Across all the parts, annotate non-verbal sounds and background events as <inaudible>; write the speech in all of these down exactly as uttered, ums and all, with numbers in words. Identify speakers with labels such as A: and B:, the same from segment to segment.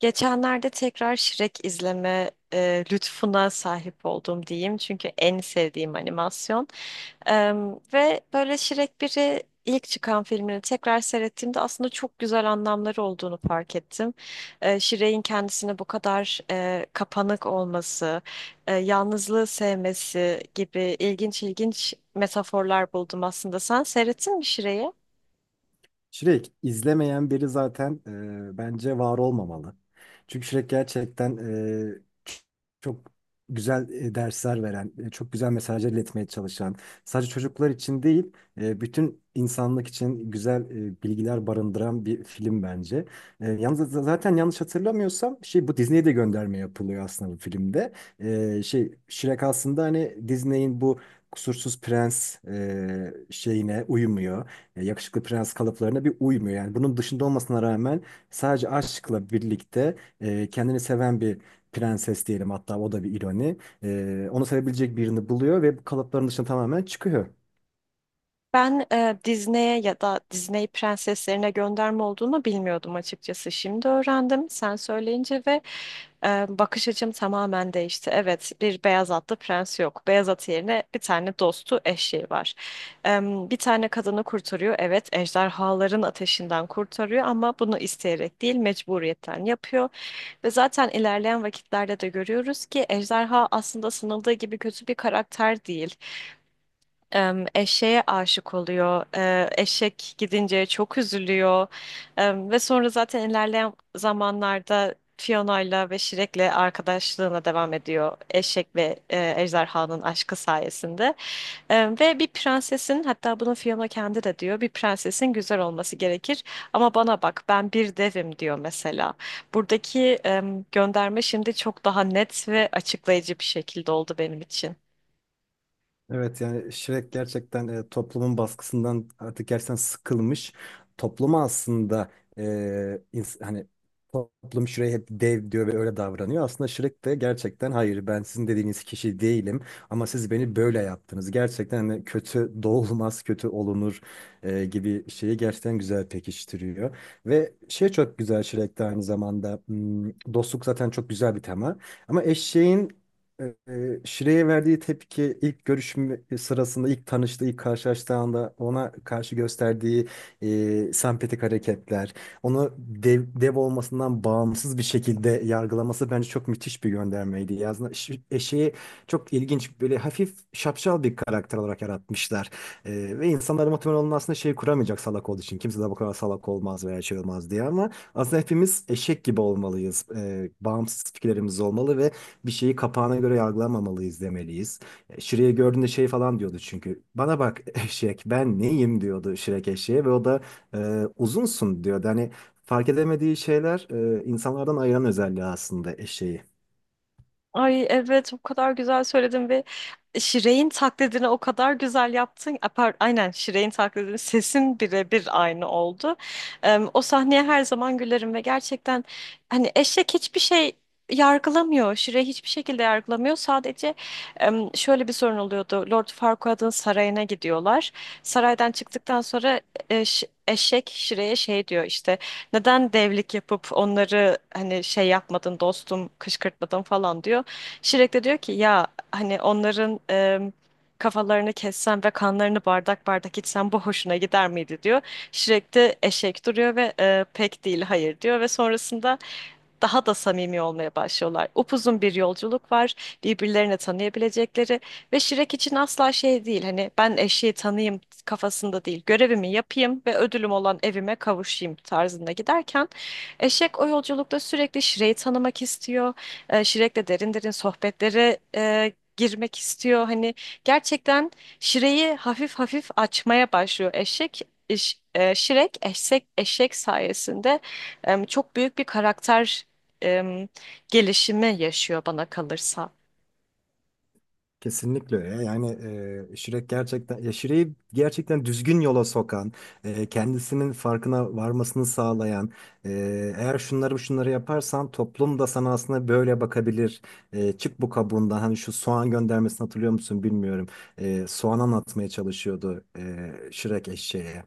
A: Geçenlerde tekrar Shrek izleme e, lütfuna sahip oldum diyeyim. Çünkü en sevdiğim animasyon. Em, ve böyle Shrek birini ilk çıkan filmini tekrar seyrettiğimde aslında çok güzel anlamları olduğunu fark ettim. E, Shrek'in kendisine bu kadar e, kapanık olması, e, yalnızlığı sevmesi gibi ilginç ilginç metaforlar buldum aslında. Sen seyrettin mi Shrek'i?
B: Shrek izlemeyen biri zaten e, bence var olmamalı. Çünkü Shrek gerçekten e, ç- çok güzel e, dersler veren, e, çok güzel mesajlar iletmeye çalışan, sadece çocuklar için değil, e, bütün insanlık için güzel e, bilgiler barındıran bir film bence. E, yalnız z- zaten yanlış hatırlamıyorsam şey bu Disney'e de gönderme yapılıyor aslında bu filmde. E, şey Shrek aslında hani Disney'in bu Kusursuz Prens e, şeyine uymuyor, e, yakışıklı prens kalıplarına bir uymuyor. Yani bunun dışında olmasına rağmen sadece aşkla birlikte e, kendini seven bir prenses diyelim, hatta o da bir ironi. E, onu sevebilecek birini buluyor ve bu kalıpların dışına tamamen çıkıyor.
A: Ben e, Disney'e ya da Disney prenseslerine gönderme olduğunu bilmiyordum açıkçası. Şimdi öğrendim sen söyleyince ve e, bakış açım tamamen değişti. Evet, bir beyaz atlı prens yok. Beyaz at yerine bir tane dostu eşeği var. E, Bir tane kadını kurtarıyor. Evet, ejderhaların ateşinden kurtarıyor ama bunu isteyerek değil, mecburiyetten yapıyor. Ve zaten ilerleyen vakitlerde de görüyoruz ki ejderha aslında sanıldığı gibi kötü bir karakter değil, em, eşeğe aşık oluyor. E, eşek gidince çok üzülüyor. Em, ve sonra zaten ilerleyen zamanlarda Fiona'yla ve Shrek'le arkadaşlığına devam ediyor. Eşek ve e, ejderhanın aşkı sayesinde. Em, ve bir prensesin, hatta bunu Fiona kendi de diyor. Bir prensesin güzel olması gerekir. Ama bana bak, ben bir devim diyor mesela. Buradaki em, gönderme şimdi çok daha net ve açıklayıcı bir şekilde oldu benim için.
B: Evet, yani Shrek gerçekten e, toplumun baskısından artık gerçekten sıkılmış. Topluma aslında e, ins- hani toplum Shrek'e hep dev diyor ve öyle davranıyor. Aslında Shrek de gerçekten hayır ben sizin dediğiniz kişi değilim ama siz beni böyle yaptınız. Gerçekten hani kötü <laughs> doğulmaz kötü olunur e, gibi şeyi gerçekten güzel pekiştiriyor. Ve şey çok güzel Shrek'te aynı zamanda hmm, dostluk zaten çok güzel bir tema. Ama eşeğin ee, Şire'ye verdiği tepki ilk görüşüm sırasında, ilk tanıştığı, ilk karşılaştığı anda ona karşı gösterdiği e, sempatik hareketler, onu dev, dev olmasından bağımsız bir şekilde yargılaması bence çok müthiş bir göndermeydi. Yazına, Ş- eşeği çok ilginç, böyle hafif şapşal bir karakter olarak yaratmışlar. Ee, ve insanlara muhtemelen onun aslında şey kuramayacak salak olduğu için. Kimse de bu kadar salak olmaz veya şey olmaz diye, ama aslında hepimiz eşek gibi olmalıyız. Ee, bağımsız fikirlerimiz olmalı ve bir şeyi kapağına göre yargılamamalıyız demeliyiz. E, Shrek'i gördüğünde şey falan diyordu çünkü. Bana bak <laughs> eşek ben neyim diyordu Shrek eşeğe ve o da e, uzunsun diyordu. Hani fark edemediği şeyler e, insanlardan ayıran özelliği aslında eşeği.
A: Ay evet, o kadar güzel söyledin ve Şirey'in taklidini o kadar güzel yaptın. Apar, aynen Şirey'in taklidini <laughs> sesin birebir aynı oldu. Em, o sahneye her zaman gülerim ve gerçekten hani eşek hiçbir şey yargılamıyor. Şirey hiçbir şekilde yargılamıyor. Sadece em, şöyle bir sorun oluyordu. Lord Farquaad'ın sarayına gidiyorlar. Saraydan çıktıktan sonra e, Ş- eşek Şirey'e şey diyor işte, neden devlik yapıp onları hani şey yapmadın dostum, kışkırtmadın falan diyor. Şirek de diyor ki ya, hani onların em, kafalarını kessem ve kanlarını bardak bardak içsem bu hoşuna gider miydi diyor. Şirek de eşek duruyor ve e, pek değil, hayır diyor ve sonrasında daha da samimi olmaya başlıyorlar. Upuzun bir yolculuk var, birbirlerini tanıyabilecekleri ve Şirek için asla şey değil, hani ben eşeği tanıyayım kafasında değil, görevimi yapayım ve ödülüm olan evime kavuşayım tarzında giderken eşek o yolculukta sürekli Şirek'i tanımak istiyor, e, Şirek'le derin derin sohbetlere e, girmek istiyor. Hani gerçekten Şire'yi hafif hafif açmaya başlıyor. Eşek iş- e, Şirek eşek eşek sayesinde em, çok büyük bir karakter em, gelişimi yaşıyor bana kalırsa.
B: Kesinlikle öyle, ya. Yani e, Shrek gerçekten ya Shrek'i gerçekten düzgün yola sokan, e, kendisinin farkına varmasını sağlayan, e, eğer şunları şunları yaparsan toplum da sana aslında böyle bakabilir. E, çık bu kabuğundan. Hani şu soğan göndermesini hatırlıyor musun bilmiyorum. E, soğan anlatmaya çalışıyordu e, Shrek eşeğe.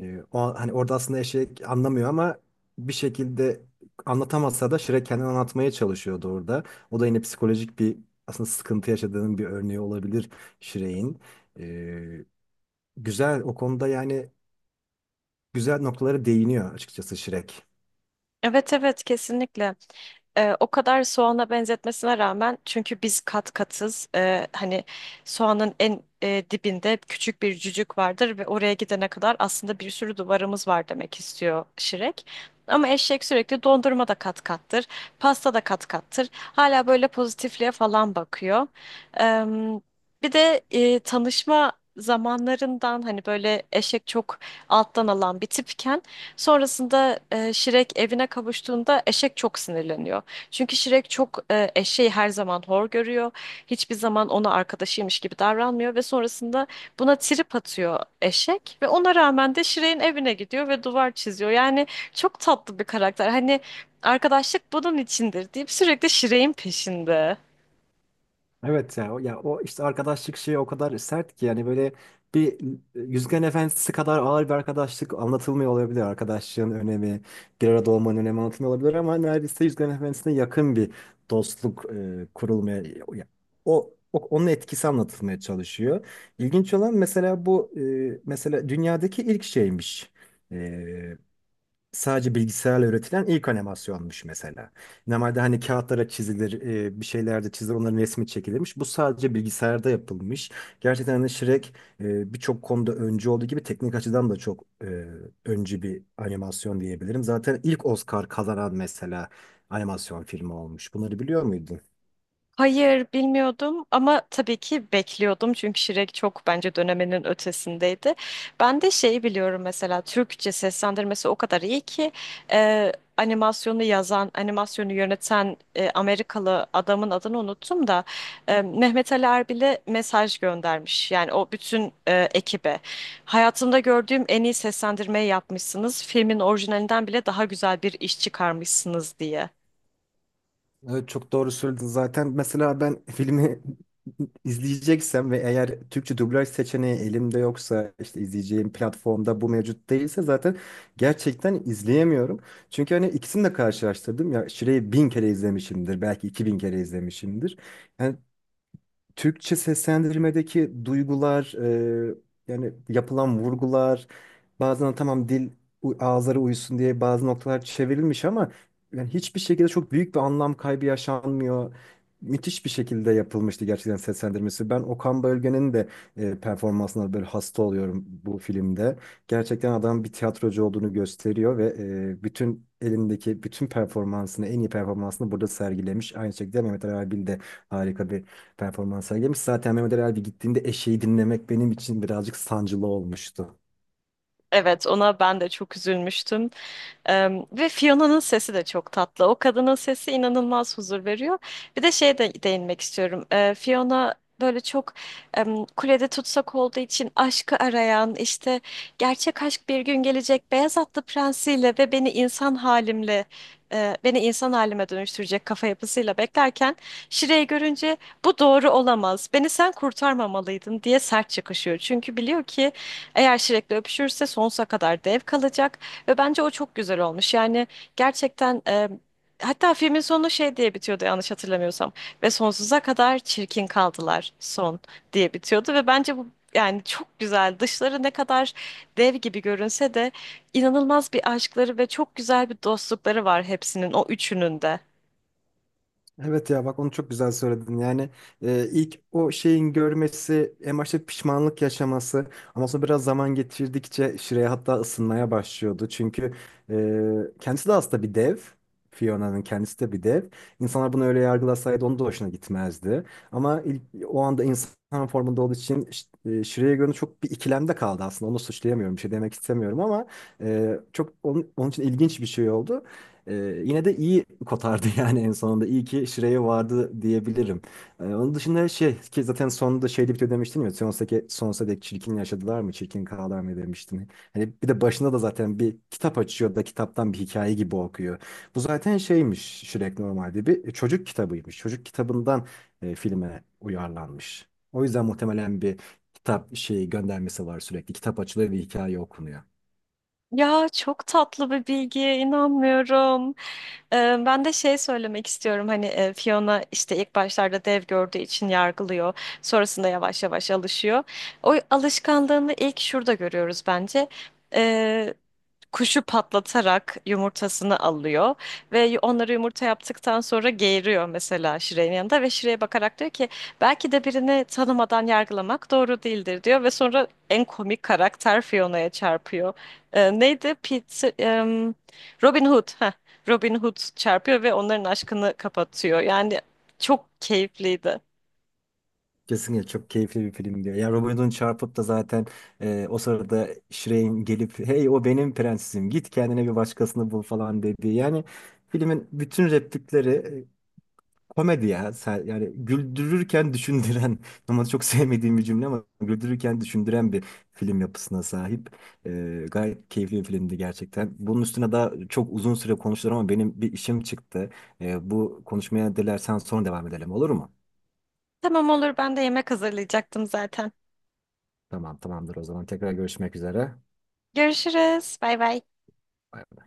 B: E, o, hani orada aslında eşek anlamıyor ama bir şekilde anlatamasa da Shrek kendini anlatmaya çalışıyordu orada. O da yine psikolojik bir aslında sıkıntı yaşadığının bir örneği olabilir Shrek'in. Ee, Güzel o konuda, yani güzel noktalara değiniyor açıkçası Shrek.
A: Evet evet, kesinlikle. Ee, o kadar soğana benzetmesine rağmen, çünkü biz kat katız. Ee, hani soğanın en e, dibinde küçük bir cücük vardır ve oraya gidene kadar aslında bir sürü duvarımız var demek istiyor Şirek. Ama eşek sürekli dondurma da kat kattır, pasta da kat kattır. Hala böyle pozitifliğe falan bakıyor. Ee, Bir de e, tanışma zamanlarından hani böyle eşek çok alttan alan bir tipken sonrasında e, Şirek evine kavuştuğunda eşek çok sinirleniyor. Çünkü Şirek çok e, eşeği her zaman hor görüyor. Hiçbir zaman ona arkadaşıymış gibi davranmıyor ve sonrasında buna trip atıyor eşek ve ona rağmen de Şirek'in evine gidiyor ve duvar çiziyor. Yani çok tatlı bir karakter. Hani arkadaşlık bunun içindir deyip sürekli Şirek'in peşinde.
B: Evet ya o, ya o işte arkadaşlık şeyi o kadar sert ki yani böyle bir Yüzgen Efendisi kadar ağır bir arkadaşlık anlatılmıyor olabilir. Arkadaşlığın önemi, bir arada olmanın önemi anlatılmıyor olabilir ama neredeyse Yüzgen Efendisi'ne yakın bir dostluk e, kurulmaya ya- o, o- onun etkisi anlatılmaya çalışıyor. İlginç olan mesela bu e, mesela dünyadaki ilk şeymiş. e, Sadece bilgisayarla üretilen ilk animasyonmuş mesela. Normalde hani kağıtlara çizilir, e, bir şeylerde çizilir, onların resmi çekilirmiş. Bu sadece bilgisayarda yapılmış. Gerçekten hani Shrek e, birçok konuda öncü olduğu gibi teknik açıdan da çok e, öncü bir animasyon diyebilirim. Zaten ilk Oscar kazanan mesela animasyon filmi olmuş. Bunları biliyor muydun?
A: Hayır, bilmiyordum ama tabii ki bekliyordum çünkü Şirek çok bence döneminin ötesindeydi. Ben de şeyi biliyorum mesela, Türkçe seslendirmesi o kadar iyi ki, e, animasyonu yazan, animasyonu yöneten e, Amerikalı adamın adını unuttum da e, Mehmet Ali Erbil'e mesaj göndermiş. Yani o bütün e, ekibe. Hayatımda gördüğüm en iyi seslendirmeyi yapmışsınız. Filmin orijinalinden bile daha güzel bir iş çıkarmışsınız diye.
B: Evet, çok doğru söyledin zaten. Mesela ben filmi <laughs> izleyeceksem ve eğer Türkçe dublaj seçeneği elimde yoksa, işte izleyeceğim platformda bu mevcut değilse, zaten gerçekten izleyemiyorum. Çünkü hani ikisini de karşılaştırdım ya, Şire'yi bin kere izlemişimdir, belki iki bin kere izlemişimdir. Yani Türkçe seslendirmedeki duygular, e, yani yapılan vurgular, bazen tamam dil u- ağızlara uyusun diye bazı noktalar çevrilmiş ama yani hiçbir şekilde çok büyük bir anlam kaybı yaşanmıyor. Müthiş bir şekilde yapılmıştı gerçekten seslendirmesi. Ben Okan Bölge'nin de e, performansına böyle hasta oluyorum bu filmde. Gerçekten adam bir tiyatrocu olduğunu gösteriyor ve e, bütün elindeki bütün performansını, en iyi performansını burada sergilemiş. Aynı şekilde Mehmet Ali Erbil de harika bir performans sergilemiş. Zaten Mehmet Ali Erbil gittiğinde eşeği dinlemek benim için birazcık sancılı olmuştu.
A: Evet, ona ben de çok üzülmüştüm. Em, ve Fiona'nın sesi de çok tatlı. O kadının sesi inanılmaz huzur veriyor. Bir de şeye de değinmek istiyorum. E, Fiona böyle çok em, kulede tutsak olduğu için aşkı arayan, işte gerçek aşk bir gün gelecek beyaz atlı prensiyle ve beni insan halimle e, beni insan halime dönüştürecek kafa yapısıyla beklerken Şire'yi görünce bu doğru olamaz. Beni sen kurtarmamalıydın diye sert çıkışıyor. Çünkü biliyor ki eğer Shrek'le öpüşürse sonsuza kadar dev kalacak ve bence o çok güzel olmuş. Yani gerçekten, e, hatta filmin sonu şey diye bitiyordu yanlış hatırlamıyorsam, ve sonsuza kadar çirkin kaldılar son diye bitiyordu ve bence bu yani çok güzel. Dışları ne kadar dev gibi görünse de inanılmaz bir aşkları ve çok güzel bir dostlukları var hepsinin, o üçünün de.
B: Evet ya, bak onu çok güzel söyledin. Yani e, ilk o şeyin görmesi, en başta pişmanlık yaşaması ama sonra biraz zaman geçirdikçe Shrey hatta ısınmaya başlıyordu. Çünkü e, kendisi de aslında bir dev. Fiona'nın kendisi de bir dev. İnsanlar bunu öyle yargılasaydı onun da hoşuna gitmezdi. Ama ilk, o anda insan formunda olduğu için Ş- e, Shrey'e göre çok bir ikilemde kaldı aslında. Onu suçlayamıyorum, bir şey demek istemiyorum ama e, çok onun, onun için ilginç bir şey oldu. Ee, Yine de iyi kotardı <laughs> yani en sonunda. İyi ki Şire'ye vardı diyebilirim. Ee, onun dışında şey ki zaten sonunda şeyde bitiyor demiştin ya. Sonsuza dek, sonsuza dek çirkin yaşadılar mı? Çirkin kaldılar mı demiştin. Hani bir de başında da zaten bir kitap açıyor da kitaptan bir hikaye gibi okuyor. Bu zaten şeymiş, Shrek normalde bir çocuk kitabıymış. Çocuk kitabından e, filme uyarlanmış. O yüzden muhtemelen bir kitap şeyi göndermesi var sürekli. Kitap açılıyor ve hikaye okunuyor.
A: Ya çok tatlı bir bilgiye inanmıyorum. Ee, ben de şey söylemek istiyorum, hani e, Fiona işte ilk başlarda dev gördüğü için yargılıyor. Sonrasında yavaş yavaş alışıyor. O alışkanlığını ilk şurada görüyoruz bence, kuşu patlatarak yumurtasını alıyor ve onları yumurta yaptıktan sonra geğiriyor mesela Şire'nin yanında ve Şire'ye bakarak diyor ki belki de birini tanımadan yargılamak doğru değildir diyor ve sonra en komik karakter Fiona'ya çarpıyor. Ee, neydi? Pete, em, Robin Hood. Heh, Robin Hood çarpıyor ve onların aşkını kapatıyor. Yani çok keyifliydi.
B: Kesinlikle çok keyifli bir film diyor. Ya Robin Hood'un çarpıp da zaten e, o sırada Shrey'in gelip hey o benim prensesim git kendine bir başkasını bul falan dediği. Yani filmin bütün replikleri e, komedi ya. Sen- Yani güldürürken düşündüren <laughs> normalde çok sevmediğim bir cümle ama güldürürken düşündüren bir film yapısına sahip. E, gayet keyifli bir filmdi gerçekten. Bunun üstüne daha çok uzun süre konuşulur ama benim bir işim çıktı. E, bu konuşmaya dilersen sonra devam edelim, olur mu?
A: Tamam, olur, ben de yemek hazırlayacaktım zaten.
B: Tamam, tamamdır o zaman. Tekrar görüşmek üzere.
A: Görüşürüz. Bay bay.
B: Bay bay.